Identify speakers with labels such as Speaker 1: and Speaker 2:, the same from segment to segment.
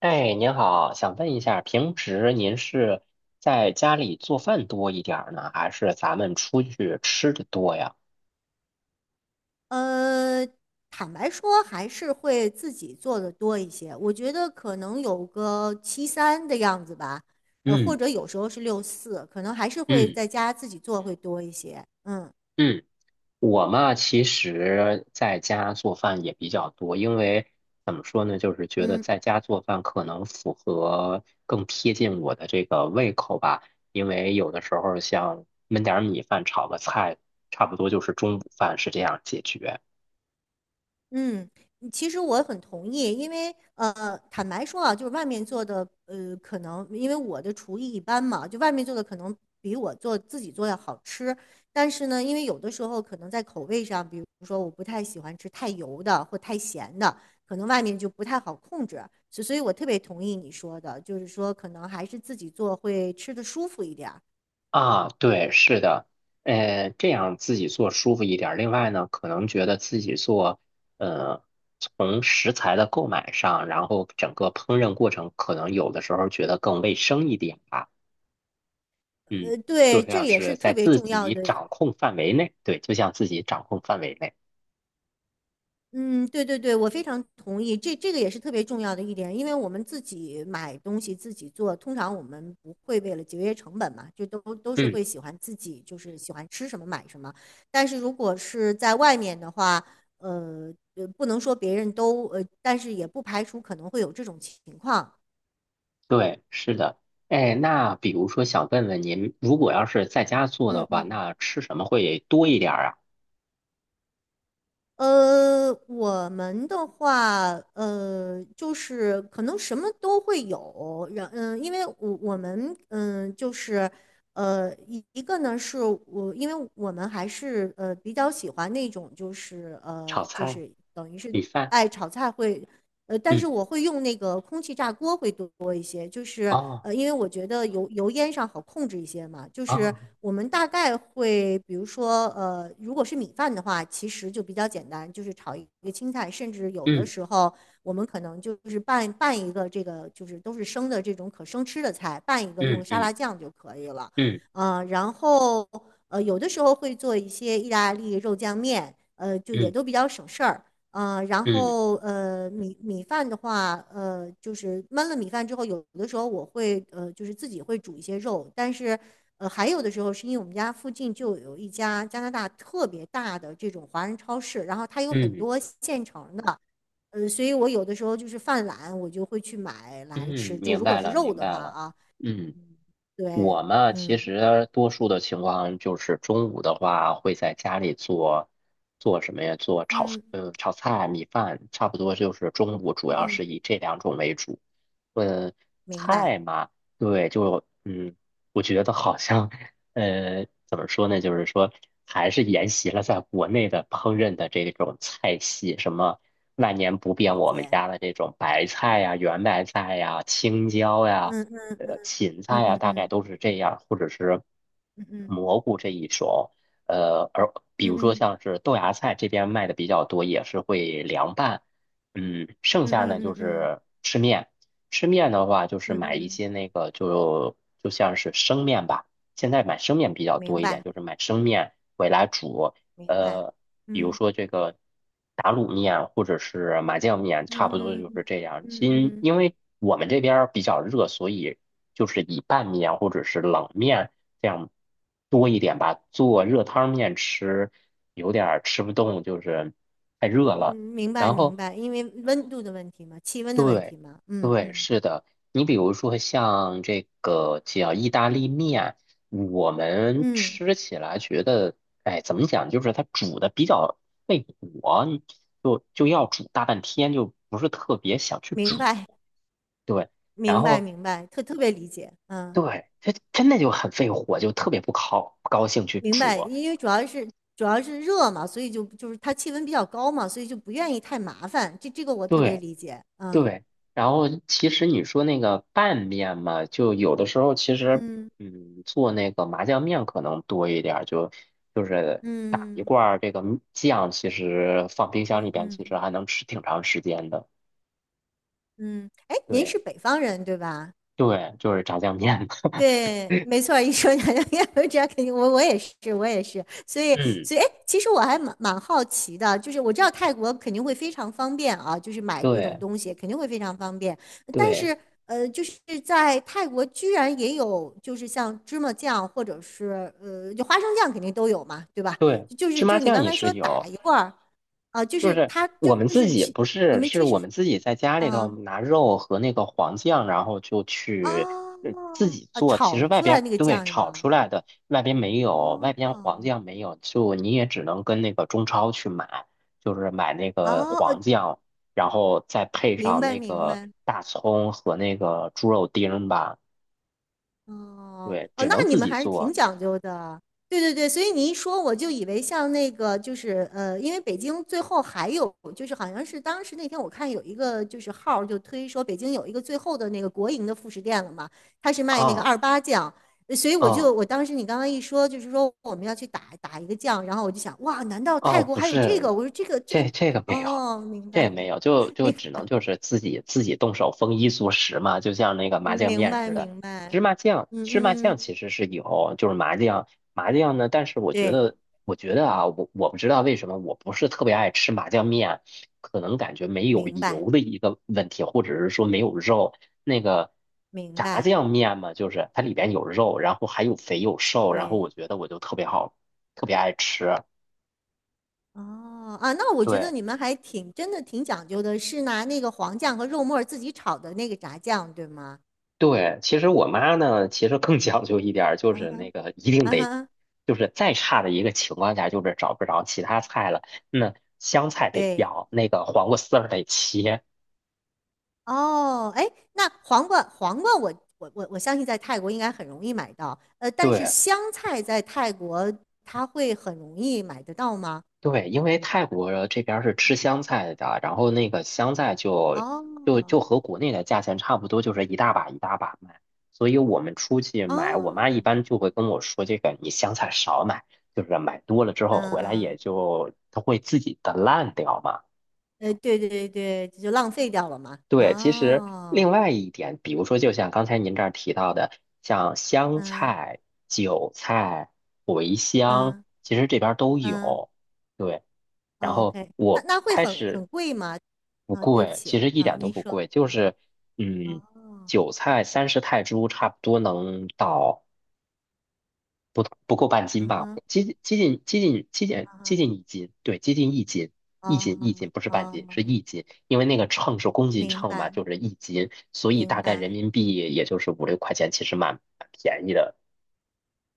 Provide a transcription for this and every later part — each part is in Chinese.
Speaker 1: 哎，您好，想问一下，平时您是在家里做饭多一点儿呢，还是咱们出去吃的多呀？
Speaker 2: 呃，坦白说，还是会自己做的多一些。我觉得可能有个七三的样子吧，或
Speaker 1: 嗯
Speaker 2: 者有时候是六四，可能还是会
Speaker 1: 嗯
Speaker 2: 在家自己做会多一些。嗯
Speaker 1: 嗯，我嘛，其实在家做饭也比较多，因为怎么说呢，就是觉得
Speaker 2: 嗯。
Speaker 1: 在家做饭可能符合更贴近我的这个胃口吧，因为有的时候像焖点儿米饭、炒个菜，差不多就是中午饭是这样解决。
Speaker 2: 嗯。其实我很同意，因为坦白说啊，就是外面做的，可能因为我的厨艺一般嘛，就外面做的可能比自己做的好吃。但是呢，因为有的时候可能在口味上，比如说我不太喜欢吃太油的或太咸的，可能外面就不太好控制。所以，我特别同意你说的，就是说可能还是自己做会吃的舒服一点儿。
Speaker 1: 啊，对，是的，这样自己做舒服一点儿。另外呢，可能觉得自己做，呃，从食材的购买上，然后整个烹饪过程，可能有的时候觉得更卫生一点吧。嗯，就
Speaker 2: 对，
Speaker 1: 这
Speaker 2: 这
Speaker 1: 样
Speaker 2: 也是
Speaker 1: 是在
Speaker 2: 特别
Speaker 1: 自
Speaker 2: 重要
Speaker 1: 己
Speaker 2: 的。
Speaker 1: 掌控范围内，对，就像自己掌控范围内。
Speaker 2: 嗯。对对对，我非常同意，这个也是特别重要的一点，因为我们自己买东西自己做，通常我们不会为了节约成本嘛，就都是
Speaker 1: 嗯，
Speaker 2: 会喜欢自己，就是喜欢吃什么买什么。但是如果是在外面的话，不能说别人都但是也不排除可能会有这种情况。
Speaker 1: 对，是的。哎，那比如说想问问您，如果要是在家做的
Speaker 2: 嗯
Speaker 1: 话，
Speaker 2: 嗯。
Speaker 1: 那吃什么会多一点儿啊？
Speaker 2: 我们的话，就是可能什么都会有，因为我们就是一个呢是我，因为我们还是比较喜欢那种就是
Speaker 1: 炒
Speaker 2: 呃就
Speaker 1: 菜、
Speaker 2: 是等于是
Speaker 1: 米饭？
Speaker 2: 爱炒菜会，但
Speaker 1: 嗯，
Speaker 2: 是我会用那个空气炸锅会多一些，就是
Speaker 1: 哦，
Speaker 2: 因为我觉得油烟上好控制一些嘛，就是
Speaker 1: 哦。
Speaker 2: 我们大概会，比如说，如果是米饭的话，其实就比较简单，就是炒一个青菜，甚至有的
Speaker 1: 嗯。
Speaker 2: 时候我们可能就是拌拌一个这个，就是都是生的这种可生吃的菜，拌一个用
Speaker 1: 嗯
Speaker 2: 沙
Speaker 1: 嗯
Speaker 2: 拉酱就可以了，
Speaker 1: 嗯
Speaker 2: 啊，然后有的时候会做一些意大利肉酱面，就也
Speaker 1: 嗯
Speaker 2: 都比较省事儿。然
Speaker 1: 嗯
Speaker 2: 后米饭的话，就是焖了米饭之后，有的时候我会就是自己会煮一些肉，但是还有的时候是因为我们家附近就有一家加拿大特别大的这种华人超市，然后它有
Speaker 1: 嗯
Speaker 2: 很
Speaker 1: 嗯，
Speaker 2: 多现成的，所以我有的时候就是犯懒，我就会去买来
Speaker 1: 嗯
Speaker 2: 吃。就
Speaker 1: 明
Speaker 2: 如果
Speaker 1: 白
Speaker 2: 是
Speaker 1: 了
Speaker 2: 肉
Speaker 1: 明
Speaker 2: 的话
Speaker 1: 白了。
Speaker 2: 啊。
Speaker 1: 嗯，
Speaker 2: 嗯。对。
Speaker 1: 我嘛，其
Speaker 2: 嗯
Speaker 1: 实多数的情况就是中午的话，会在家里做什么呀？做
Speaker 2: 嗯
Speaker 1: 炒菜、米饭，差不多就是中午主要是
Speaker 2: 嗯。
Speaker 1: 以这两种为主。嗯，
Speaker 2: 明白。
Speaker 1: 菜嘛，对，我觉得好像。怎么说呢？就是说，还是沿袭了在国内的烹饪的这种菜系，什么万年不变我们
Speaker 2: 姐。
Speaker 1: 家的这种白菜呀、圆白菜呀、青椒呀、
Speaker 2: 嗯
Speaker 1: 芹菜呀，
Speaker 2: 嗯
Speaker 1: 大概
Speaker 2: 嗯
Speaker 1: 都是这样，或者是
Speaker 2: 嗯嗯
Speaker 1: 蘑菇这一种。而比如说
Speaker 2: 嗯
Speaker 1: 像是豆芽菜这边卖的比较多，也是会凉拌。嗯，
Speaker 2: 嗯嗯嗯嗯嗯嗯。
Speaker 1: 剩下呢
Speaker 2: 嗯
Speaker 1: 就
Speaker 2: 嗯嗯
Speaker 1: 是吃面。吃面的话，就是
Speaker 2: 嗯
Speaker 1: 买一
Speaker 2: 嗯。
Speaker 1: 些那个就像是生面吧。现在买生面比较多
Speaker 2: 明
Speaker 1: 一点，
Speaker 2: 白
Speaker 1: 就是买生面回来煮，
Speaker 2: 明白。
Speaker 1: 呃，比如
Speaker 2: 嗯
Speaker 1: 说这个打卤面或者是麻酱面，差不多
Speaker 2: 嗯嗯
Speaker 1: 就是
Speaker 2: 嗯
Speaker 1: 这样。
Speaker 2: 嗯嗯
Speaker 1: 因
Speaker 2: 嗯，
Speaker 1: 因为我们这边儿比较热，所以就是以拌面或者是冷面这样多一点吧。做热汤面吃有点儿吃不动，就是太
Speaker 2: 嗯
Speaker 1: 热了。
Speaker 2: 明白
Speaker 1: 然
Speaker 2: 明
Speaker 1: 后
Speaker 2: 白，因为温度的问题嘛，气温的问
Speaker 1: 对，
Speaker 2: 题嘛，嗯
Speaker 1: 对，
Speaker 2: 嗯。
Speaker 1: 是的。你比如说像这个叫意大利面，我们
Speaker 2: 嗯
Speaker 1: 吃起来觉得，哎，怎么讲，就是它煮的比较费火，你就要煮大半天，就不是特别想去
Speaker 2: 明
Speaker 1: 煮。
Speaker 2: 白
Speaker 1: 对，然
Speaker 2: 明白
Speaker 1: 后
Speaker 2: 明白，特别理解。嗯。
Speaker 1: 对，它真的就很费火，就特别不高兴去
Speaker 2: 明白。
Speaker 1: 煮。
Speaker 2: 因为主要是热嘛，所以就是它气温比较高嘛，所以就不愿意太麻烦，这个我特别
Speaker 1: 对，
Speaker 2: 理解。嗯
Speaker 1: 对，然后其实你说那个拌面嘛，就有的时候其实，
Speaker 2: 嗯
Speaker 1: 做那个麻酱面可能多一点儿，就是打一
Speaker 2: 嗯
Speaker 1: 罐儿这个酱，其实放冰箱里
Speaker 2: 嗯
Speaker 1: 边，其实
Speaker 2: 嗯
Speaker 1: 还能吃挺长时间的。
Speaker 2: 嗯。哎，您
Speaker 1: 对
Speaker 2: 是北方人对吧？
Speaker 1: 对，就是炸酱面。
Speaker 2: 对，没错儿，一说娘娘我知道肯定我也是，我也是，所以
Speaker 1: 嗯，
Speaker 2: 所以，哎，其实我还蛮好奇的，就是我知道泰国肯定会非常方便啊，就是买各种
Speaker 1: 对
Speaker 2: 东西肯定会非常方便，但
Speaker 1: 对
Speaker 2: 是就是在泰国居然也有，就是像芝麻酱或者是就花生酱肯定都有嘛，对吧？
Speaker 1: 对，
Speaker 2: 就是
Speaker 1: 芝
Speaker 2: 就
Speaker 1: 麻
Speaker 2: 是你
Speaker 1: 酱
Speaker 2: 刚
Speaker 1: 也
Speaker 2: 才
Speaker 1: 是
Speaker 2: 说打
Speaker 1: 有。
Speaker 2: 一罐儿啊，就
Speaker 1: 就
Speaker 2: 是
Speaker 1: 是
Speaker 2: 它就
Speaker 1: 我们
Speaker 2: 就
Speaker 1: 自
Speaker 2: 是
Speaker 1: 己
Speaker 2: 其
Speaker 1: 不
Speaker 2: 你
Speaker 1: 是，
Speaker 2: 们
Speaker 1: 是
Speaker 2: 其
Speaker 1: 我
Speaker 2: 实
Speaker 1: 们自己在家里头
Speaker 2: 啊
Speaker 1: 拿肉和那个黄酱，然后就去
Speaker 2: 啊
Speaker 1: 自己
Speaker 2: 啊
Speaker 1: 做。其
Speaker 2: 炒
Speaker 1: 实外
Speaker 2: 出来
Speaker 1: 边
Speaker 2: 那个
Speaker 1: 对
Speaker 2: 酱是
Speaker 1: 炒
Speaker 2: 吗？
Speaker 1: 出来的，外边没有，外边黄
Speaker 2: 啊。
Speaker 1: 酱没有，就你也只能跟那个中超去买，就是买那个
Speaker 2: 哦。
Speaker 1: 黄酱，然后再配
Speaker 2: 明
Speaker 1: 上
Speaker 2: 白
Speaker 1: 那
Speaker 2: 明
Speaker 1: 个
Speaker 2: 白。
Speaker 1: 大葱和那个猪肉丁儿吧。
Speaker 2: 哦
Speaker 1: 对，
Speaker 2: 哦。
Speaker 1: 只
Speaker 2: 那
Speaker 1: 能
Speaker 2: 你
Speaker 1: 自
Speaker 2: 们
Speaker 1: 己
Speaker 2: 还是挺
Speaker 1: 做
Speaker 2: 讲究的。对对对，所以你一说我就以为像那个就是因为北京最后还有就是好像是当时那天我看有一个就是号儿就推说北京有一个最后的那个国营的副食店了嘛，他是卖那个
Speaker 1: 啊
Speaker 2: 二八酱，所以我
Speaker 1: 啊。
Speaker 2: 就我当时你刚刚一说就是说我们要去打一个酱，然后我就想哇，难道泰
Speaker 1: 哦，
Speaker 2: 国
Speaker 1: 不
Speaker 2: 还有这
Speaker 1: 是，
Speaker 2: 个？我说这个。
Speaker 1: 这个没有，
Speaker 2: 哦。明
Speaker 1: 这
Speaker 2: 白。
Speaker 1: 也没有，就只能 就是自己动手丰衣足食嘛，就像那个麻酱面似的。
Speaker 2: 明白。
Speaker 1: 芝麻酱，
Speaker 2: 嗯
Speaker 1: 芝麻酱
Speaker 2: 嗯。
Speaker 1: 其实是有，就是麻酱，麻酱呢，但是
Speaker 2: 对。
Speaker 1: 我觉得啊，我不知道为什么我不是特别爱吃麻酱面，可能感觉没有
Speaker 2: 明白。
Speaker 1: 油的一个问题，或者是说没有肉。那个
Speaker 2: 明
Speaker 1: 炸
Speaker 2: 白。
Speaker 1: 酱面嘛，就是它里边有肉，然后还有肥有瘦，然后
Speaker 2: 对。
Speaker 1: 我觉得我就特别好，特别爱吃。
Speaker 2: 哦。啊，那我觉得
Speaker 1: 对，
Speaker 2: 你们还挺真的挺讲究的，是拿那个黄酱和肉末儿自己炒的那个炸酱，对吗？
Speaker 1: 对，其实我妈呢，其实更讲究一点儿，就
Speaker 2: 啊
Speaker 1: 是
Speaker 2: 哈。
Speaker 1: 那个一定
Speaker 2: 啊
Speaker 1: 得，
Speaker 2: 哈。
Speaker 1: 就是再差的一个情况下，就是找不着其他菜了，那香菜得
Speaker 2: 对。
Speaker 1: 要，那个黄瓜丝儿得切。
Speaker 2: 哦。哎，那黄瓜，黄瓜我，我我我相信在泰国应该很容易买到，但是
Speaker 1: 对
Speaker 2: 香菜在泰国它会很容易买得到吗？
Speaker 1: 对，因为泰国这边儿是吃香菜的，然后那个香菜就
Speaker 2: 哦。
Speaker 1: 和国内的价钱差不多，就是一大把一大把卖。所以我们出去买，我妈一
Speaker 2: 哦。
Speaker 1: 般就会跟我说，这个你香菜少买，就是买多了之后回来也
Speaker 2: 嗯。
Speaker 1: 就它会自己的烂掉嘛。
Speaker 2: 对对对对，就浪费掉了嘛。
Speaker 1: 对，其实另
Speaker 2: 哦。
Speaker 1: 外一点，比如说，就像刚才您这儿提到的，像香
Speaker 2: 嗯
Speaker 1: 菜、韭菜、茴香，
Speaker 2: 嗯
Speaker 1: 其实这边儿都
Speaker 2: 嗯。
Speaker 1: 有。对，然
Speaker 2: 哦，
Speaker 1: 后
Speaker 2: OK，那
Speaker 1: 我
Speaker 2: 那会
Speaker 1: 开
Speaker 2: 很
Speaker 1: 始
Speaker 2: 很贵吗？
Speaker 1: 不
Speaker 2: 啊，对不
Speaker 1: 贵，
Speaker 2: 起
Speaker 1: 其实一
Speaker 2: 啊，
Speaker 1: 点都
Speaker 2: 您
Speaker 1: 不
Speaker 2: 说
Speaker 1: 贵，
Speaker 2: 啊。
Speaker 1: 嗯，
Speaker 2: 哦。
Speaker 1: 韭菜30泰铢差不多能到。不够半斤
Speaker 2: 嗯
Speaker 1: 吧，
Speaker 2: 哼。
Speaker 1: 接近接近接近接近
Speaker 2: 啊。
Speaker 1: 接近一斤，对，接近一斤，一
Speaker 2: 哦。
Speaker 1: 斤一斤不是半
Speaker 2: 哦。
Speaker 1: 斤，是一斤，因为那个秤是公斤
Speaker 2: 明
Speaker 1: 秤嘛，
Speaker 2: 白。
Speaker 1: 就是一斤，所以
Speaker 2: 明
Speaker 1: 大概人
Speaker 2: 白。
Speaker 1: 民币也就是五六块钱，其实蛮便宜的。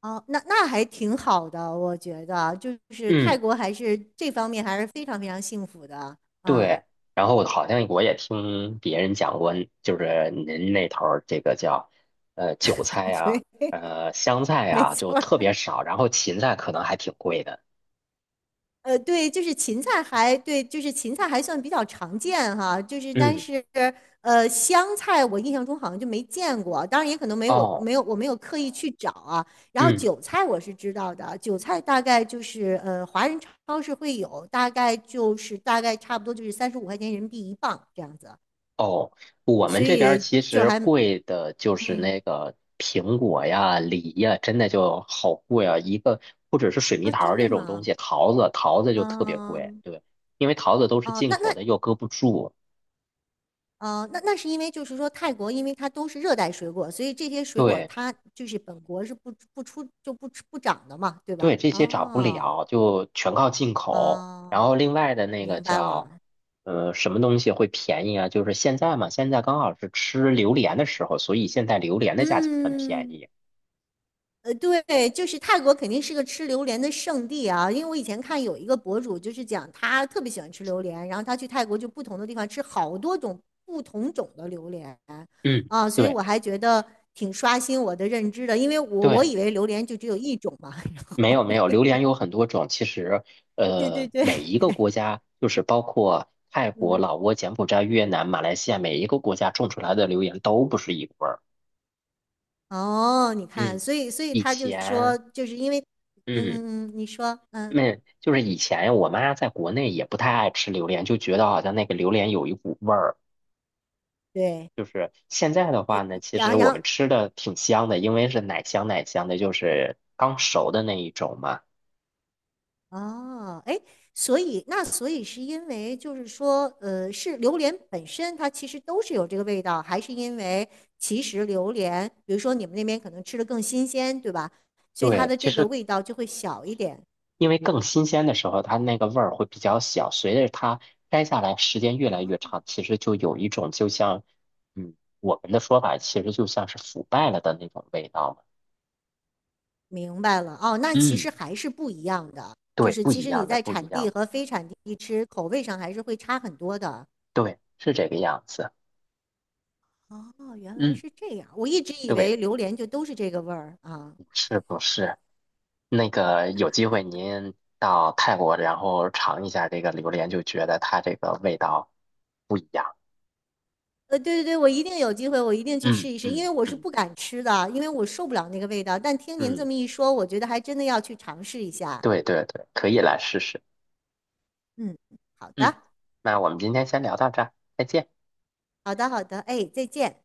Speaker 2: 哦，那还挺好的，我觉得，就是泰
Speaker 1: 嗯，
Speaker 2: 国还是这方面还是非常非常幸福的。嗯。
Speaker 1: 对。然后好像我也听别人讲过，就是您那头儿这个叫韭菜 呀、
Speaker 2: 对，
Speaker 1: 香菜
Speaker 2: 没
Speaker 1: 呀、就
Speaker 2: 错，
Speaker 1: 特别少，然后芹菜可能还挺贵的。
Speaker 2: 对，就是芹菜还算比较常见哈，就是但
Speaker 1: 嗯，
Speaker 2: 是香菜我印象中好像就没见过，当然也可能没我
Speaker 1: 哦。
Speaker 2: 没有我没有刻意去找啊。然后
Speaker 1: 嗯。
Speaker 2: 韭菜我是知道的，韭菜大概就是华人超市会有，大概差不多就是35块钱人民币一磅这样子，
Speaker 1: 哦，我们
Speaker 2: 所
Speaker 1: 这边儿
Speaker 2: 以
Speaker 1: 其
Speaker 2: 就
Speaker 1: 实
Speaker 2: 还
Speaker 1: 贵的就是
Speaker 2: 嗯
Speaker 1: 那个苹果呀、梨呀，真的就好贵啊！一个不只是水蜜
Speaker 2: 啊，
Speaker 1: 桃儿
Speaker 2: 真的
Speaker 1: 这种东西，
Speaker 2: 吗？
Speaker 1: 桃子就特别贵，
Speaker 2: 嗯。
Speaker 1: 对，因为桃子都是
Speaker 2: 哦。
Speaker 1: 进
Speaker 2: 那
Speaker 1: 口
Speaker 2: 那
Speaker 1: 的，又搁不住，
Speaker 2: 呃，那那是因为就是说泰国，因为它都是热带水果，所以这些水果
Speaker 1: 对
Speaker 2: 它就是本国是不出就不长的嘛，对
Speaker 1: 对，
Speaker 2: 吧？
Speaker 1: 这些涨不
Speaker 2: 哦
Speaker 1: 了，就全靠进口。然
Speaker 2: 哦，
Speaker 1: 后另外的那个
Speaker 2: 明白
Speaker 1: 叫
Speaker 2: 了。
Speaker 1: 什么东西会便宜啊？就是现在嘛，现在刚好是吃榴莲的时候，所以现在榴莲的价钱很便
Speaker 2: 嗯。
Speaker 1: 宜。
Speaker 2: 对，就是泰国肯定是个吃榴莲的圣地啊，因为我以前看有一个博主就是讲他特别喜欢吃榴莲，然后他去泰国就不同的地方吃好多种不同种的榴莲
Speaker 1: 嗯，
Speaker 2: 啊，所以
Speaker 1: 对。
Speaker 2: 我还觉得挺刷新我的认知的，因为我
Speaker 1: 对，
Speaker 2: 以为榴莲就只有一种嘛。
Speaker 1: 没有没有，榴莲有很多种。其实，
Speaker 2: 对对对。
Speaker 1: 每一个 国家，就是包括泰国、
Speaker 2: 嗯。
Speaker 1: 老挝、柬埔寨、越南、马来西亚，每一个国家种出来的榴莲都不是一个味儿。
Speaker 2: 哦，你看，
Speaker 1: 嗯，
Speaker 2: 所以
Speaker 1: 以
Speaker 2: 他就说，
Speaker 1: 前，
Speaker 2: 就是因为，
Speaker 1: 嗯，
Speaker 2: 嗯嗯嗯。你说。嗯。
Speaker 1: 那就是以前我妈在国内也不太爱吃榴莲，就觉得好像那个榴莲有一股味儿。
Speaker 2: 对。
Speaker 1: 就是现在的话呢，其实
Speaker 2: 然
Speaker 1: 我
Speaker 2: 然后，
Speaker 1: 们吃的挺香的，因为是奶香奶香的，就是刚熟的那一种嘛。
Speaker 2: 哦。哎，所以是因为就是说，是榴莲本身它其实都是有这个味道，还是因为其实榴莲，比如说你们那边可能吃的更新鲜，对吧？所以它
Speaker 1: 对，
Speaker 2: 的
Speaker 1: 其
Speaker 2: 这个
Speaker 1: 实
Speaker 2: 味道就会小一点。
Speaker 1: 因为更新鲜的时候，它那个味儿会比较小，随着它摘下来时间越来越长，其实就有一种就像，嗯，我们的说法其实就像是腐败了的那种味道嘛。
Speaker 2: 明白了哦，那其
Speaker 1: 嗯，
Speaker 2: 实还是不一样的，就
Speaker 1: 对，
Speaker 2: 是
Speaker 1: 不
Speaker 2: 其
Speaker 1: 一
Speaker 2: 实你
Speaker 1: 样的，
Speaker 2: 在
Speaker 1: 不一
Speaker 2: 产地
Speaker 1: 样的，
Speaker 2: 和非产地吃，口味上还是会差很多的。
Speaker 1: 对，是这个样子。
Speaker 2: 哦，原来
Speaker 1: 嗯，
Speaker 2: 是这样，我一直以
Speaker 1: 对，
Speaker 2: 为榴莲就都是这个味儿啊。
Speaker 1: 是不是？那个有机会您到泰国，然后尝一下这个榴莲，就觉得它这个味道不一样。
Speaker 2: 对对对，我一定有机会，我一定去试
Speaker 1: 嗯
Speaker 2: 一试，因
Speaker 1: 嗯
Speaker 2: 为我是
Speaker 1: 嗯
Speaker 2: 不敢吃的，因为我受不了那个味道。但听您这
Speaker 1: 嗯，
Speaker 2: 么一说，我觉得还真的要去尝试一下。
Speaker 1: 对对对，可以来试试。
Speaker 2: 嗯。好
Speaker 1: 嗯，
Speaker 2: 的。
Speaker 1: 那我们今天先聊到这儿，再见。
Speaker 2: 好的。好的。哎，再见。